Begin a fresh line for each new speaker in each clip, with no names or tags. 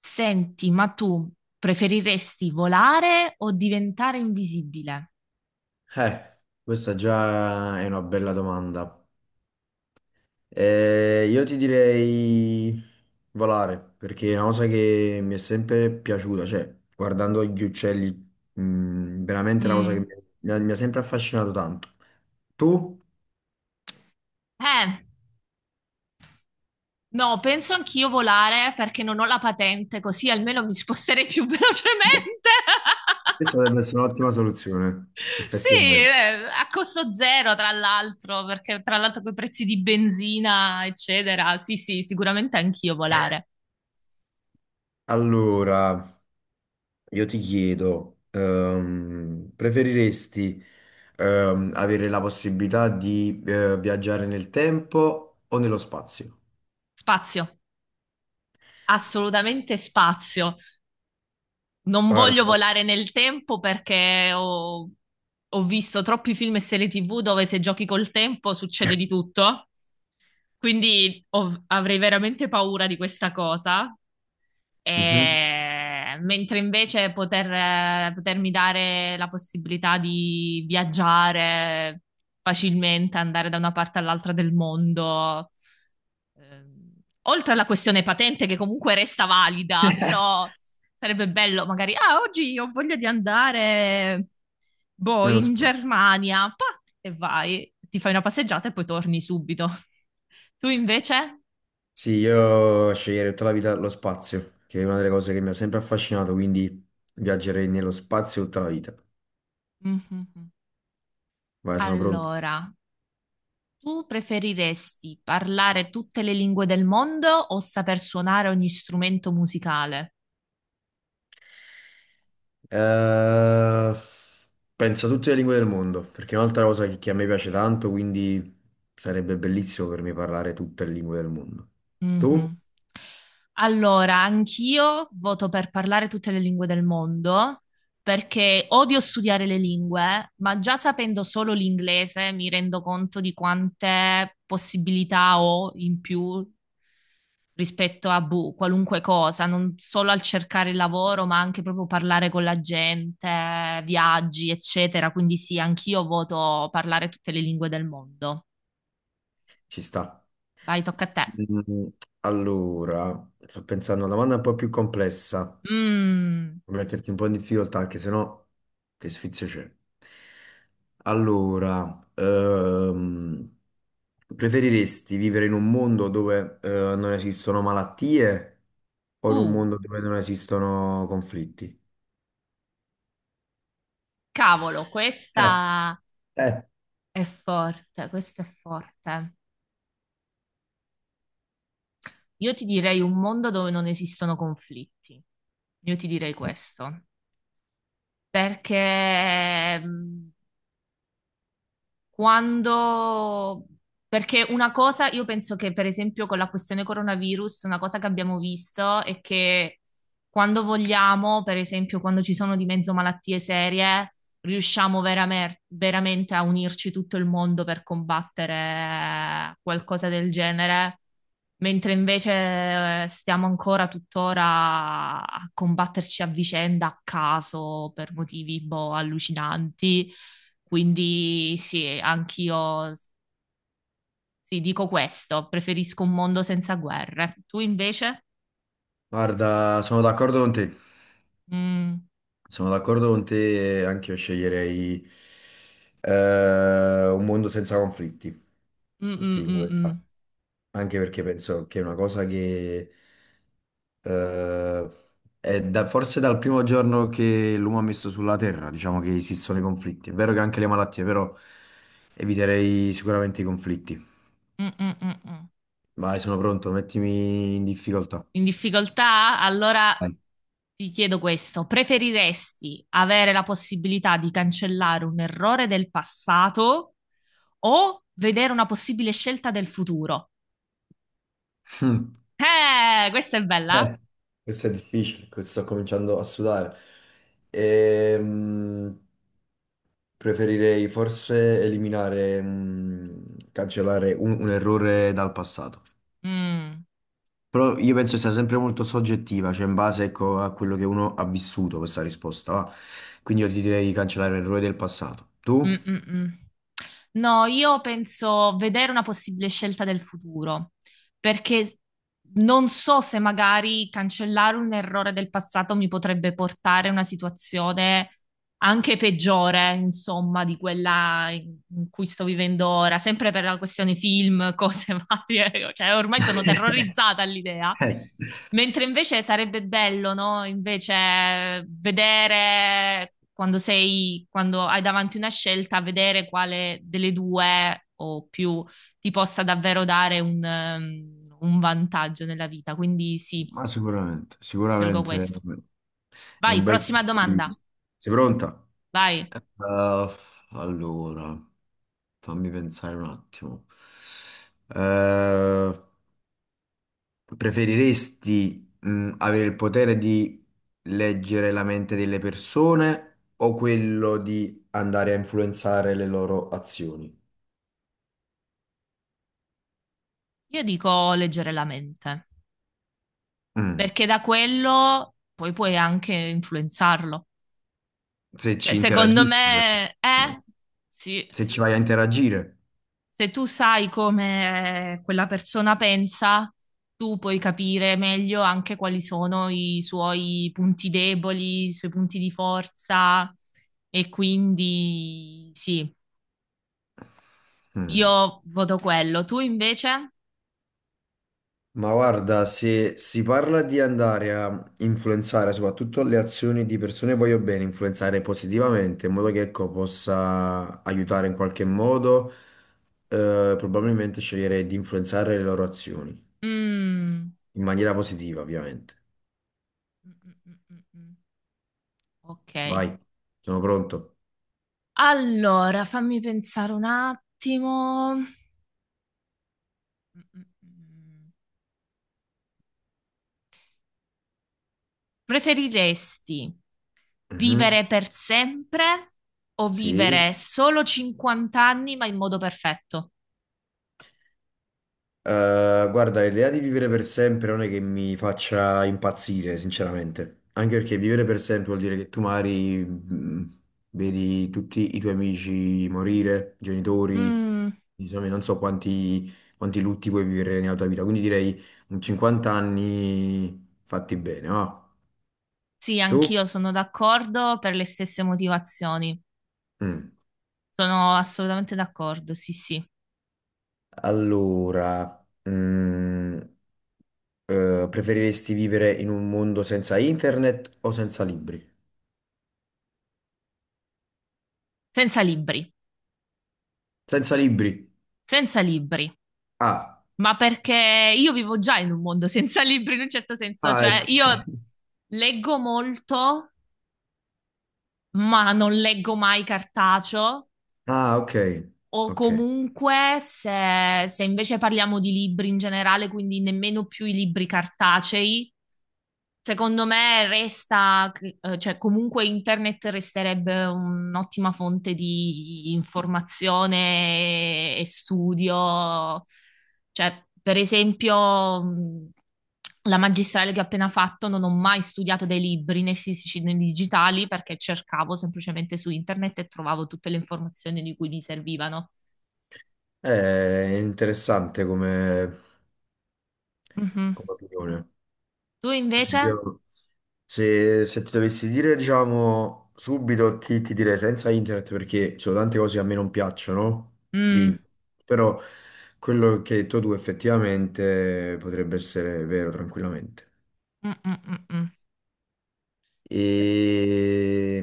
Senti, ma tu preferiresti volare o diventare invisibile?
Questa già è una bella domanda. Io ti direi volare, perché è una cosa che mi è sempre piaciuta, cioè guardando gli uccelli, veramente è una cosa che mi
Mm.
mi ha, mi ha sempre affascinato tanto. Tu?
Eh, no, penso anch'io volare perché non ho la patente, così almeno mi sposterei più velocemente.
Questa dovrebbe essere un'ottima soluzione,
Sì,
effettivamente.
a costo zero, tra l'altro, perché tra l'altro con i prezzi di benzina, eccetera. Sì, sì, sicuramente anch'io volare.
Allora. Io ti chiedo, preferiresti avere la possibilità di viaggiare nel tempo o nello spazio?
Spazio, assolutamente spazio. Non
Guarda,
voglio volare nel tempo perché ho visto troppi film e serie TV dove se giochi col tempo succede di tutto. Quindi avrei veramente paura di questa cosa.
Mhm.
Mentre invece potermi dare la possibilità di viaggiare facilmente, andare da una parte all'altra del mondo, ehm, oltre alla questione patente che comunque resta valida, però sarebbe bello magari, ah, oggi ho voglia di andare, boh,
Nello
in
spazio.
Germania, pa, e vai, ti fai una passeggiata e poi torni subito. Tu invece?
Sì, io sceglierei tutta la vita lo spazio, che è una delle cose che mi ha sempre affascinato, quindi viaggerei nello spazio tutta la vita.
Mhm.
Vai, sono pronto.
Allora, tu preferiresti parlare tutte le lingue del mondo o saper suonare ogni strumento musicale?
Eh, Penso a tutte le lingue del mondo, perché è un'altra cosa che a me piace tanto, quindi sarebbe bellissimo per me parlare tutte le lingue del mondo. Tu?
Mhm. Allora, anch'io voto per parlare tutte le lingue del mondo perché odio studiare le lingue, ma già sapendo solo l'inglese mi rendo conto di quante possibilità ho in più rispetto a boh, qualunque cosa, non solo al cercare il lavoro, ma anche proprio parlare con la gente, viaggi, eccetera. Quindi sì, anch'io voto parlare tutte le lingue del mondo.
Ci sta.
Vai, tocca a te.
Mm. Allora, sto pensando a una domanda un po' più complessa.
Mm,
Per metterti un po' in difficoltà, perché sennò che sfizio c'è. Allora, preferiresti vivere in un mondo dove non esistono malattie o in un
uh,
mondo dove non esistono conflitti?
cavolo,
Eh,
questa
eh.
è forte, questa è forte. Io ti direi un mondo dove non esistono conflitti. Io ti direi questo, perché mm, quando... Perché una cosa, io penso che per esempio con la questione coronavirus, una cosa che abbiamo visto è che quando vogliamo, per esempio quando ci sono di mezzo malattie serie, riusciamo veramente a unirci tutto il mondo per combattere qualcosa del genere, mentre invece stiamo ancora tuttora a combatterci a vicenda, a caso, per motivi boh, allucinanti. Quindi sì, sì, dico questo, preferisco un mondo senza guerre. Tu invece?
Guarda, sono d'accordo con te.
Mm,
Sono d'accordo con te, anche io sceglierei un mondo senza conflitti,
mm, mm,
ti dico la
mm, mm.
verità. Anche perché penso che è una cosa che Eh, è forse dal primo giorno che l'uomo ha messo sulla Terra, diciamo che esistono i conflitti. È vero che anche le malattie, però eviterei sicuramente i conflitti.
Mm, mm, mm, mm.
Vai, sono pronto, mettimi in difficoltà.
In difficoltà? Allora
Vai.
ti chiedo questo. Preferiresti avere la possibilità di cancellare un errore del passato o vedere una possibile scelta del futuro?
Mm.
Questa è bella.
Eh, Questo è difficile, questo sto cominciando a sudare. Ehm, preferirei forse cancellare un errore dal passato.
Mm,
Però io penso sia sempre molto soggettiva, cioè in base, ecco, a quello che uno ha vissuto questa risposta, va. Quindi io ti direi di cancellare l'errore del passato.
mm,
Tu?
mm, mm. No, io penso vedere una possibile scelta del futuro, perché non so se magari cancellare un errore del passato mi potrebbe portare a una situazione anche peggiore, insomma, di quella in cui sto vivendo ora, sempre per la questione film, cose varie, cioè ormai sono terrorizzata all'idea.
Eh,
Mentre invece sarebbe bello, no? Invece vedere quando sei, quando hai davanti una scelta, vedere quale delle due o più ti possa davvero dare un vantaggio nella vita. Quindi sì,
Ma sicuramente,
io scelgo
sicuramente
questo.
è
Vai,
un bel
prossima
punto di
domanda.
vista. Sei pronta?
Vai.
Eh, allora, fammi pensare un attimo. Eh, Preferiresti, avere il potere di leggere la mente delle persone o quello di andare a influenzare le loro azioni?
Io dico leggere la mente,
Mm.
perché da quello poi puoi anche influenzarlo.
Se
Cioè,
ci
secondo
interagisci, però.
me,
No.
sì,
Se ci vai a interagire.
se tu sai come quella persona pensa, tu puoi capire meglio anche quali sono i suoi punti deboli, i suoi punti di forza e quindi sì, io
Mm.
voto quello, tu invece?
Ma guarda, se si parla di andare a influenzare soprattutto le azioni di persone voglio bene, influenzare positivamente in modo che ecco, possa aiutare in qualche modo, probabilmente sceglierei di influenzare le loro azioni.
Mm.
In maniera positiva, ovviamente.
Mm, mm, mm, mm. Ok.
Vai, sono pronto.
Allora, fammi pensare un attimo. Mm, mm, mm. Preferiresti
Mhm.
vivere per sempre o
Sì.
vivere solo 50 anni ma in modo perfetto?
Guarda, l'idea di vivere per sempre non è che mi faccia impazzire, sinceramente. Anche perché vivere per sempre vuol dire che tu magari vedi tutti i tuoi amici morire, genitori,
Mm.
insomma, non so quanti, quanti lutti puoi vivere nella tua vita. Quindi direi un 50 anni fatti bene, no?
Sì,
Tu?
anch'io sono d'accordo per le stesse motivazioni.
Mm.
Sono assolutamente d'accordo, sì, sì.
Allora, mm, preferiresti vivere in un mondo senza internet o senza libri?
Senza libri,
Senza libri.
senza libri.
Ah,
Ma perché io vivo già in un mondo senza libri in un certo senso,
ah,
cioè
ecco.
io leggo molto, ma non leggo mai cartaceo,
Ah, ok.
o
Ok.
comunque se, se invece parliamo di libri in generale, quindi nemmeno più i libri cartacei, secondo me resta, cioè comunque internet resterebbe un'ottima fonte di informazione e studio. Cioè, per esempio, la magistrale che ho appena fatto non ho mai studiato dei libri né fisici né digitali perché cercavo semplicemente su internet e trovavo tutte le informazioni di cui mi servivano.
È interessante come,
Mhm.
come opinione.
Tu
Cioè,
invece?
io, se, se ti dovessi dire, diciamo, subito ti direi senza internet perché ci sono tante cose che a me non piacciono di
Mm.
internet. Però quello che hai detto tu effettivamente potrebbe essere vero tranquillamente.
Mm, mm, mm, mm.
E...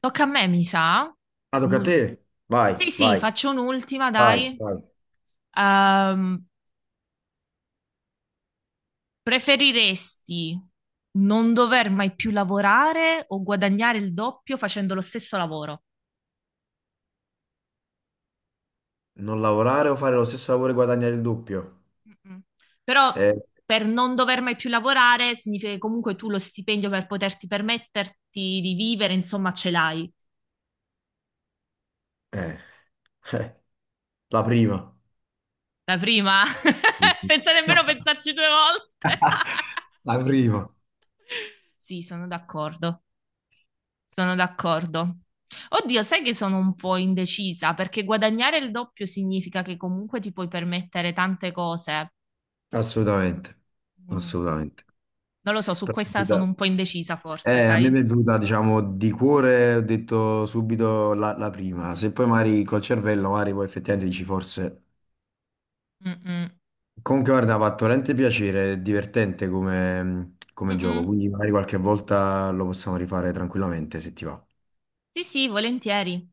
Tocca a me, mi sa.
Ah, tocca a
Un'ultima.
te. Vai,
Sì, sì,
vai,
faccio un'ultima,
vai,
dai.
vai.
Ehm, Preferiresti non dover mai più lavorare o guadagnare il doppio facendo lo stesso lavoro?
Non lavorare o fare lo stesso lavoro e guadagnare il doppio?
Mm-mm. Però
Eh,
per non dover mai più lavorare significa che comunque tu lo stipendio per poterti permetterti di vivere, insomma, ce l'hai.
eh, eh, la prima.
La prima,
Mhm.
senza nemmeno pensarci due volte.
La prima.
Sì, sono d'accordo. Sono d'accordo. Oddio, sai che sono un po' indecisa perché guadagnare il doppio significa che comunque ti puoi permettere tante cose.
Assolutamente,
Mm.
assolutamente.
Non lo so, su
Però
questa sono un po' indecisa forse,
a me mi è
sai?
venuta, diciamo, di cuore, ho detto subito la prima. Se poi magari col cervello, magari poi effettivamente dici forse
Mm-mm.
comunque, guarda, mi ha fatto veramente piacere, è divertente come, come gioco,
Mm-mm.
quindi magari qualche volta lo possiamo rifare tranquillamente se ti va.
Sì, sì, volentieri.